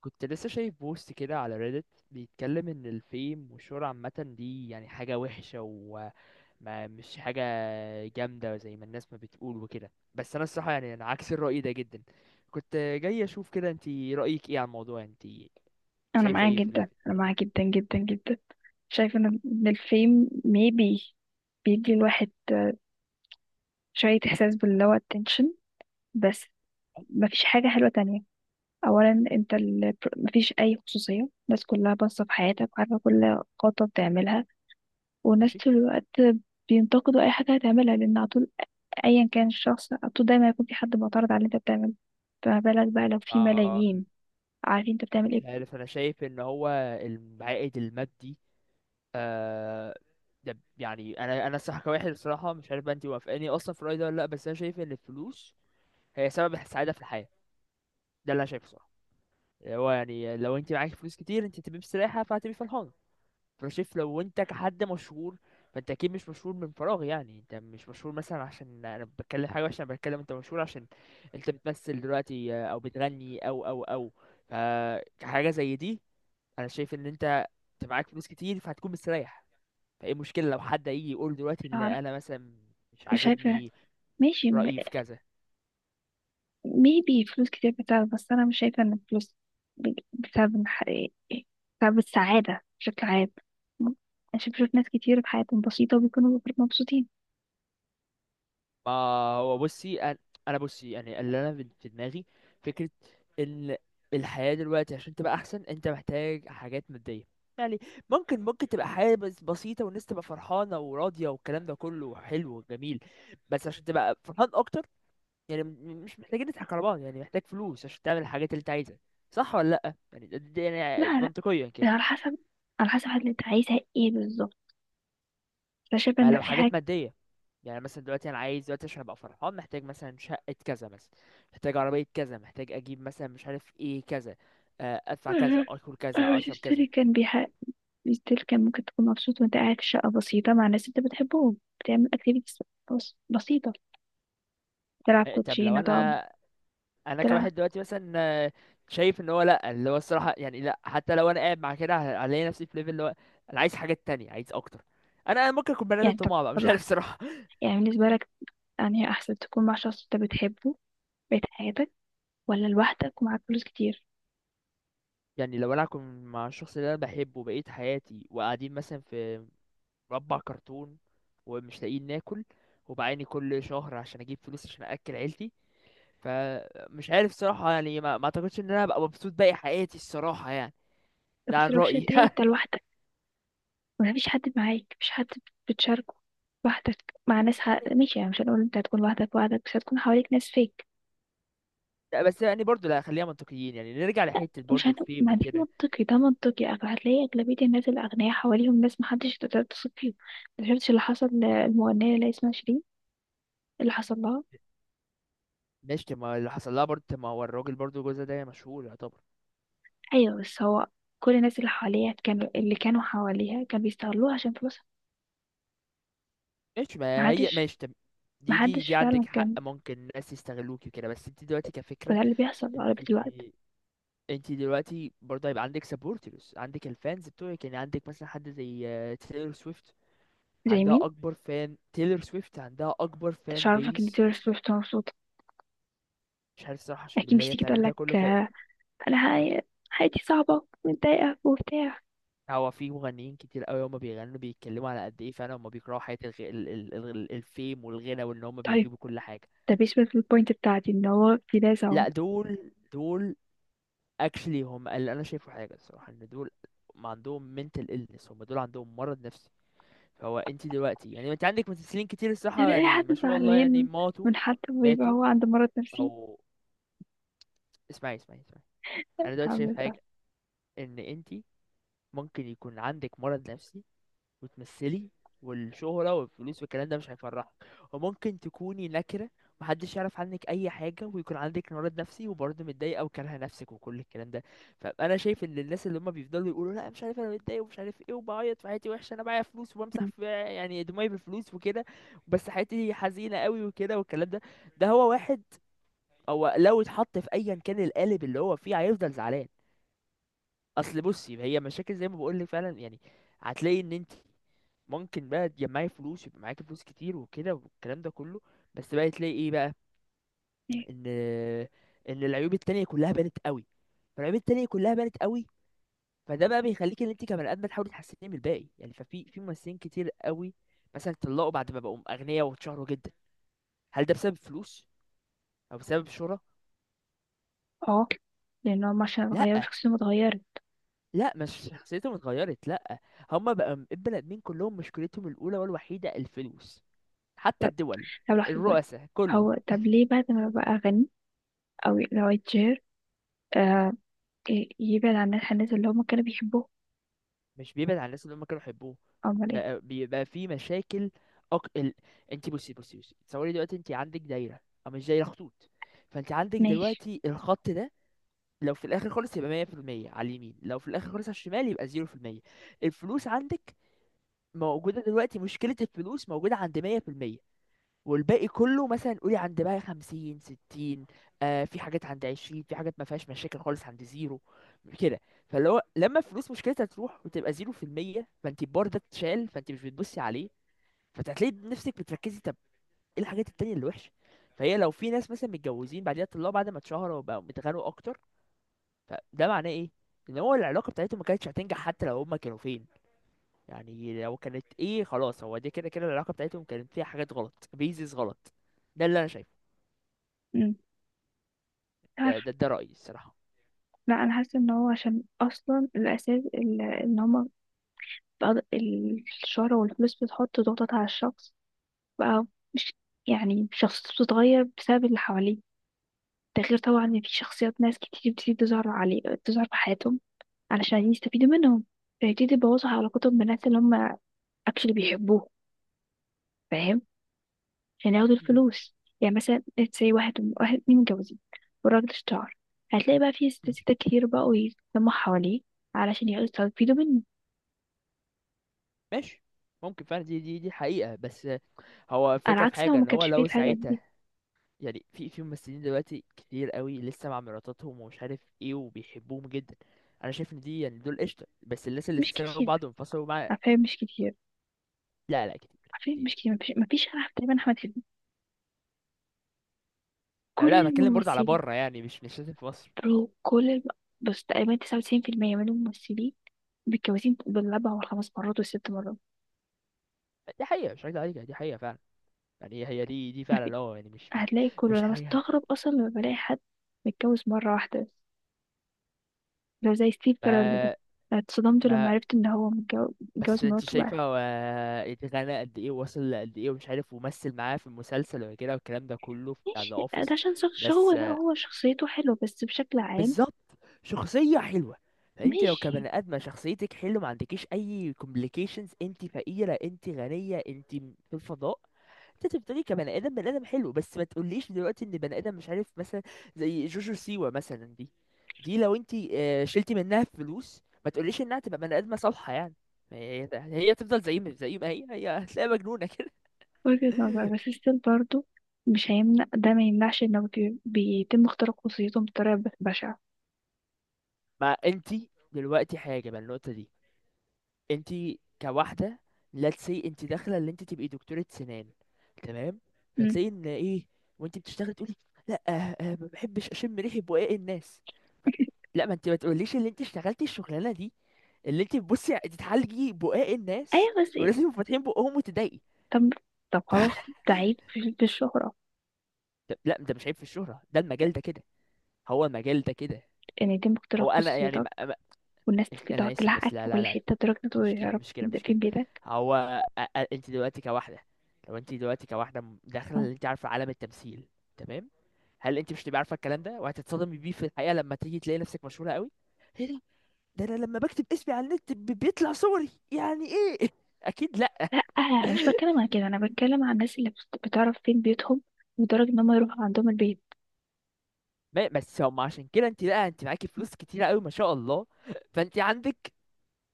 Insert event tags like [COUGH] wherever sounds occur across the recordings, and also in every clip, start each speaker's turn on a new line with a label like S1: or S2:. S1: كنت لسه شايف بوست كده على ريدت، بيتكلم ان الفيم والشهرة عامة دي يعني حاجة وحشة وما مش حاجة جامدة زي ما الناس ما بتقول وكده. بس انا الصراحة يعني انا عكس الرأي ده جدا. كنت جاي اشوف كده انتي رأيك ايه على الموضوع، انتي
S2: انا
S1: شايفة
S2: معاه
S1: ايه في
S2: جدا انا
S1: الحتة دي؟
S2: معاه جدا جدا جدا شايفه إن الفيم maybe بيدي الواحد شويه احساس باللي هو attention بس.
S1: آه،
S2: مفيش حاجه حلوه تانية. اولا، مفيش اي خصوصيه، الناس كلها باصه في حياتك وعارفه كل خطوه بتعملها. والناس
S1: ماشي.
S2: طول الوقت بينتقدوا اي حاجه هتعملها، لان على طول، ايا كان الشخص، على طول دايما هيكون في حد معترض على اللي انت بتعمله. فما بالك بقى لو في
S1: آه،
S2: ملايين عارفين انت بتعمل ايه؟
S1: مش عارف، انا شايف ان هو العائد المادي. آه، ده يعني انا الصراحة كواحد الصراحة مش عارف بقى انتي موافقاني اصلا في الرأي ده ولا لا، بس انا شايف ان الفلوس هي سبب السعاده في الحياه. ده اللي انا شايفه صراحه. اللي هو يعني لو انت معاك فلوس كتير انت تبقى مستريحه فهتبقي فرحانه. فانا شايف لو انت كحد مشهور فانت اكيد مش مشهور من فراغ، يعني انت مش مشهور مثلا عشان انا بتكلم حاجه وحشه، انا بتكلم انت مشهور عشان انت بتمثل دلوقتي او بتغني او فحاجه زي دي. انا شايف ان انت معاك فلوس كتير فهتكون مستريح. فايه المشكله لو حد يجي يقول دلوقتي
S2: مش
S1: ان
S2: عارف
S1: انا مثلا مش
S2: مش عارفه.
S1: عاجبني
S2: ماشي.
S1: رايي في كذا؟
S2: ميبي فلوس كتير بتساعد، بس انا مش شايفه ان الفلوس بتساعد، بتساعد السعاده بشكل عام. م- بشوف ناس كتير في حياتهم بسيطه وبيكونوا مبسوطين.
S1: ما هو بصي انا، أنا بصي يعني اللي انا في دماغي فكره ان الحياه دلوقتي عشان تبقى احسن انت محتاج حاجات ماديه. يعني ممكن تبقى حياه بس بسيطه والناس تبقى فرحانه وراضيه والكلام ده كله حلو وجميل، بس عشان تبقى فرحان اكتر يعني مش محتاجين نضحك على بعض، يعني محتاج فلوس عشان تعمل الحاجات اللي انت عايزها. صح ولا لا؟ يعني يعني
S2: لا،
S1: منطقيا كده.
S2: لا، على حسب اللي انت عايزها ايه بالظبط. انا شايفه
S1: ما
S2: ان
S1: لو
S2: في
S1: حاجات
S2: حاجه.
S1: ماديه، يعني مثلا دلوقتي انا عايز دلوقتي عشان ابقى فرحان محتاج مثلا شقة كذا مثلا، محتاج عربية كذا، محتاج اجيب مثلا مش عارف ايه كذا. ادفع كذا،
S2: [LAUGHS]
S1: اكل كذا، اشرب كذا.
S2: ستيل كان بيح... ستيل كان ممكن تكون مبسوط وانت قاعد في شقه بسيطه مع ناس انت بتحبهم، بتعمل اكتيفيتيز بسيطه. تلعب
S1: آه، طب لو
S2: كوتشينه، تقعد
S1: انا، انا
S2: تلعب.
S1: كواحد دلوقتي مثلا، آه، شايف ان هو لا، اللي هو الصراحة يعني لا، حتى لو انا قاعد مع كده هلاقي نفسي في ليفل اللي هو انا عايز حاجات تانية، عايز اكتر. انا ممكن اكون بني ادم
S2: يعني طب
S1: طماع بقى،
S2: طب
S1: مش عارف
S2: لحظه،
S1: صراحة.
S2: يعني بالنسبه لك، يعني احسن تكون مع شخص انت بتحبه بقيت حياتك، ولا لوحدك ومعاك فلوس كتير؟
S1: [LAUGHS] يعني لو انا اكون مع الشخص اللي انا بحبه بقية حياتي وقاعدين مثلا في مربع كرتون ومش لاقيين ناكل وبعاني كل شهر عشان اجيب فلوس عشان اكل عيلتي، فمش عارف صراحة يعني ما اعتقدش ان انا ابقى مبسوط باقي حياتي الصراحة يعني.
S2: طب
S1: ده
S2: بس
S1: عن
S2: الاوبشن
S1: رأيي.
S2: التاني انت
S1: [LAUGHS]
S2: لوحدك، مفيش حد معاك، مفيش حد بتشاركه، لوحدك مع ناس
S1: يعني
S2: ماشي، يعني مش هنقول انت هتكون لوحدك لوحدك، بس هتكون حواليك ناس فيك.
S1: لا، بس يعني برضو لا، خلينا منطقيين، يعني نرجع لحتة
S2: مش
S1: برضو
S2: هن...
S1: الفيم
S2: ما دي
S1: وكده.
S2: منطقي، هتلاقي أغلبية الناس الأغنياء حواليهم ناس محدش تقدر تثق فيهم. ما شفتش اللي حصل للمغنية اللي اسمها شيرين؟ اللي حصل لها.
S1: ماشي، طب ما اللي حصل لها برضو، طب ما هو الراجل برضو جوزها ده مشهور يعتبر.
S2: أيوة بس هو كل الناس اللي حواليها اللي كانوا حواليها كانوا بيستغلوها عشان فلوسها.
S1: ماشي، ما هي
S2: محدش
S1: ماشي طب. دي
S2: محدش
S1: عندك
S2: فعلا
S1: حق،
S2: كان.
S1: ممكن الناس يستغلوكي وكده، بس انت دلوقتي كفكرة،
S2: وده اللي بيحصل
S1: انت
S2: أغلبية الوقت.
S1: انت دلوقتي برضه هيبقى عندك سبورترز، عندك الفانز بتوعك، يعني عندك مثلا حد زي تيلر سويفت،
S2: زي
S1: عندها
S2: مين؟
S1: اكبر فان. تيلر سويفت عندها اكبر
S2: مش
S1: فان
S2: عارفة ان
S1: بيس.
S2: تايلور سويفت مبسوطة.
S1: مش عارف الصراحه، عشان
S2: اكيد
S1: بالله
S2: مش
S1: هي
S2: تيجي
S1: بتعمل ده
S2: تقولك
S1: كله ف...
S2: آه، انا حياتي صعبة ومتضايقة وبتاع.
S1: هو في مغنيين كتير قوي هما بيغنوا بيتكلموا على قد ايه فعلا هما بيكرهوا حياة الغ... ال... ال... ال- الفيم والغنى وان هما
S2: طيب،
S1: بيجيبوا كل حاجة.
S2: ده بيشبه البوينت بتاعتي ان هو في ناس اهو.
S1: لا دول اكشلي هم اللي انا شايفه حاجة الصراحة ان دول ما عندهم mental illness، هم دول عندهم مرض نفسي. هو انت دلوقتي يعني انت عندك ممثلين كتير الصراحه
S2: يعني اي
S1: يعني
S2: حد
S1: ما شاء الله يعني
S2: زعلان
S1: ماتوا.
S2: من حد ويبقى
S1: ماتوا
S2: هو عنده مرض نفسي؟
S1: او اسمعي، انا دلوقتي
S2: هعمل
S1: شايف
S2: ده.
S1: حاجه ان انت ممكن يكون عندك مرض نفسي وتمثلي والشهرة والفلوس والكلام ده مش هيفرحك، وممكن تكوني نكرة محدش يعرف عنك أي حاجة ويكون عندك مرض نفسي وبرضه متضايقة وكارهة نفسك وكل الكلام ده. فأنا شايف إن الناس اللي هما بيفضلوا يقولوا لا مش عارف أنا متضايق ومش عارف إيه وبعيط في حياتي وحشة أنا معايا فلوس وبمسح
S2: مم.
S1: في يعني دموعي بالفلوس وكده، بس حياتي حزينة قوي وكده والكلام ده، ده هو واحد هو لو اتحط في أيا كان القالب اللي هو فيه هيفضل زعلان. اصل بصي، هي مشاكل زي ما بقول لك فعلا، يعني هتلاقي ان انت ممكن بقى تجمعي فلوس يبقى معاكي فلوس كتير وكده والكلام ده كله، بس بقى تلاقي ايه بقى؟
S2: إيه؟
S1: ان ان العيوب التانية كلها بانت قوي. فالعيوب التانية كلها بانت قوي. فده بقى بيخليك ان انت كبني ادم تحاولي تحسني من الباقي. يعني في ممثلين كتير قوي مثلا اتطلقوا بعد ما بقوا اغنياء واتشهروا جدا. هل ده بسبب فلوس او بسبب شهرة؟
S2: اه، لان هم عشان
S1: لا
S2: اتغيروا شخصيتهم اتغيرت.
S1: لا مش شخصيتهم اتغيرت، لا. هما بقى البني ادمين كلهم مشكلتهم الاولى والوحيده الفلوس، حتى
S2: طب
S1: الدول
S2: طب لحظة بقى،
S1: الرؤساء كله.
S2: هو طب ليه بعد ما بقى غني او لو اتشهر آه يبعد عن الناس اللي هم كانوا بيحبوه؟
S1: مش بيبعد عن الناس اللي هم كانوا يحبوه،
S2: امال ايه.
S1: بقى بيبقى في مشاكل. أك... ال... انت بصي، بصي تصوري دلوقتي انت عندك دايره او مش دايره، خطوط. فانت عندك
S2: ماشي.
S1: دلوقتي الخط ده، لو في الاخر خالص يبقى 100% على اليمين، لو في الاخر خالص على الشمال يبقى 0%. الفلوس عندك موجوده دلوقتي، مشكله الفلوس موجوده عند 100% والباقي كله مثلا قولي عند بقى 50 60. آه، في حاجات عند 20، في حاجات ما فيهاش مشاكل خالص عند زيرو كده. فاللي هو لما الفلوس مشكلتها تروح وتبقى زيرو في المية فانت البار ده اتشال، فانت مش بتبصي عليه فهتلاقي نفسك بتركزي طب ايه الحاجات التانية اللي وحشة. فهي لو في ناس مثلا متجوزين بعديها طلعوا بعد ما اتشهروا وبقوا متغنوا اكتر، فده معناه ايه؟ ان هو العلاقة بتاعتهم ما كانتش هتنجح حتى لو هما كانوا فين. يعني لو كانت ايه خلاص، هو دي كده كده العلاقة بتاعتهم كانت فيها حاجات غلط، بيزيز غلط. ده اللي انا شايفه.
S2: مم.
S1: ده رأيي الصراحة.
S2: لا، انا حاسه ان هو عشان اصلا الاساس ان هما الشهرة والفلوس بتحط ضغطات على الشخص بقى. مش يعني شخصيته بتتغير بسبب اللي حواليه. ده غير طبعا ان في شخصيات ناس كتير بتيجي تظهر في حياتهم علشان يستفيدوا منهم، فيبتدي يبوظوا علاقتهم بالناس اللي هما اكشلي بيحبوهم، فاهم، عشان ياخدوا
S1: مم.
S2: الفلوس. يعني مثلا زي واحد اتنين متجوزين والراجل اشتهر، هتلاقي بقى في ست
S1: ماشي،
S2: ستات كتير بقوا يتلموا حواليه علشان يقدروا يستفيدوا منه.
S1: ماشي. ممكن فعلا، دي حقيقة. بس هو
S2: على
S1: الفكرة في
S2: عكس لو
S1: حاجة
S2: ما
S1: ان هو
S2: كانش فيه
S1: لو
S2: الحاجات
S1: ساعتها،
S2: دي.
S1: يعني في ممثلين دلوقتي كتير قوي لسه مع مراتاتهم ومش عارف ايه وبيحبوهم جدا. انا شايف ان دي يعني دول قشطة، بس الناس اللي
S2: مش
S1: سابوا
S2: كتير،
S1: بعض وانفصلوا مع...
S2: عارفين مش كتير
S1: لا كتير،
S2: عارفين مش
S1: كتير.
S2: كتير، مفيش انا تقريبا احمد حلمي،
S1: يعني لا
S2: كل
S1: انا بتكلم برضه على
S2: الممثلين.
S1: بره، يعني مش لازم في مصر.
S2: برو، بس تقريبا 99% من الممثلين متجوزين بالاربع والخمس مرات والست مرات.
S1: دي حقيقة مش هكدب عليك، دي حقيقة فعلا. يعني هي هي دي دي
S2: مفي-
S1: فعلا اه، يعني مش
S2: هتلاقي كله،
S1: مش
S2: انا
S1: حاجة.
S2: بستغرب اصلا لما بلاقي حد متجوز مره واحده بس، لو زي ستيف كارل ده.
S1: ما
S2: أنا اتصدمت لما
S1: ما
S2: عرفت ان هو متجوز
S1: بس انت
S2: مراته بقى.
S1: شايفه هو اتغنى قد ايه ووصل قد ايه ومش عارف ومثل معاه في المسلسل وكده والكلام ده كله بتاع ذا
S2: ماشي، ده
S1: اوفيس.
S2: عشان شخص، هو
S1: بس
S2: لا،
S1: آه،
S2: هو شخصيته حلوة بس بشكل عام.
S1: بالظبط، شخصيه حلوه. فانت لو
S2: ماشي.
S1: كبني ادمه شخصيتك حلوه ما عندكيش اي كومبليكيشنز، انت فقيره انت غنيه انت في الفضاء. انت بتقولي كبني ادم، بني ادم حلو، بس ما تقوليش دلوقتي ان بني ادم مش عارف مثلا زي جوجو سيوا مثلا دي، دي لو انت آه، شلتي منها فلوس ما تقوليش انها تبقى بني ادمه صالحه، يعني هي هي تفضل زي ما هي، هي هتلاقيها مجنونه كده.
S2: وجهة نظر،
S1: [LAUGHS]
S2: بس ستيل برضو مش هيمنع، ده ما يمنعش انه بيتم اختراق خصوصيتهم بطريقة بشعة.
S1: ما انت دلوقتي حاجه بقى النقطه دي، انت كواحده، let's say انت داخله اللي انت تبقي دكتوره سنان، تمام،
S2: مم.
S1: فتلاقي ان ايه وانت بتشتغلي تقولي لا ما بحبش اشم ريحه بقاق الناس. ف...
S2: [LAUGHS]
S1: لا ما انت ما تقوليش اللي انت اشتغلتي الشغلانه دي، اللي انت بتبصي تتعالجي بقاق الناس
S2: ايوه بس إيه؟
S1: ولازم يبقوا فاتحين بقهم وتضايقي.
S2: طب طب
S1: ف...
S2: خلاص، ده عيب في الشهرة؟
S1: لا انت مش عيب في الشهره، ده المجال ده كده، هو المجال ده كده.
S2: ان يتم
S1: هو
S2: اختراق
S1: انا يعني
S2: خصوصيتك
S1: ما... ما...
S2: والناس
S1: انا
S2: تقعد
S1: اسف بس
S2: تلحقك
S1: لا
S2: في
S1: لا
S2: كل
S1: لا
S2: حتة لدرجة إن هو
S1: مشكلة،
S2: يعرف
S1: مشكلة مشكلة
S2: فين بيتك.
S1: هو انت دلوقتي كواحدة، لو انت دلوقتي كواحدة داخلة
S2: آه.
S1: اللي انت عارفة عالم التمثيل، تمام، هل انت مش تبقى عارفة الكلام ده وهتتصدمي بيه في الحقيقة لما تيجي تلاقي نفسك مشهورة قوي؟ ايه ده، ده انا لما بكتب اسمي على النت بيطلع صوري يعني ايه؟ [LAUGHS] اكيد لا.
S2: لا، انا مش بتكلم عن كده، انا بتكلم عن الناس اللي بتعرف فين بيتهم لدرجة ان هم يروحوا عندهم البيت.
S1: ما- بس هم عشان كده انت لا، انت معاكي فلوس كتيرة قوي ما شاء الله فانت عندك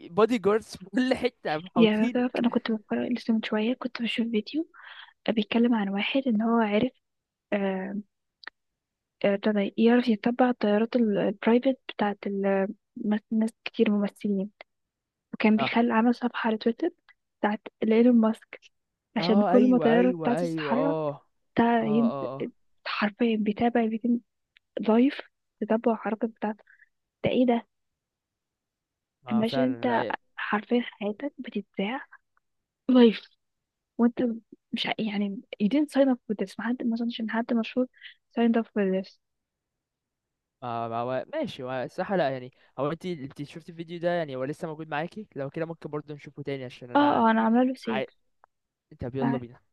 S1: بودي جاردز في كل حتة
S2: يعني تعرف،
S1: محوطينك.
S2: انا كنت بتفرج لسه من شوية، كنت بشوف فيديو بيتكلم عن واحد ان هو عرف ابتدى يعرف يتبع الطيارات البرايفت بتاعت ناس كتير ممثلين، وكان
S1: اه،
S2: عمل صفحة على تويتر بتاعت ايلون ماسك، عشان
S1: اه،
S2: كل ما
S1: ايوه
S2: الطيارة
S1: ايوه
S2: بتاعته
S1: ايوه
S2: تتحرك
S1: اه،
S2: بتاع
S1: اه،
S2: ين-
S1: اه،
S2: حرفيا بيتم لايف، تتبع الحركات بتاعته. ده ايه ده؟
S1: اه، آه،
S2: imagine انت
S1: فعلا.
S2: حرفيا حياتك بتتذاع لايف، وانت مش ع- يعني you didn't sign up for this. ما اظنش ان حد مشهور signed up for this.
S1: ما ما هو ماشي، هو الصراحة لا يعني. هو انت شفتي الفيديو ده يعني، هو لسه موجود معاكي؟ لو كده ممكن برضه نشوفه تاني عشان انا.
S2: اه، اه، انا عامله له سيف.
S1: عاي... طب يلا بينا.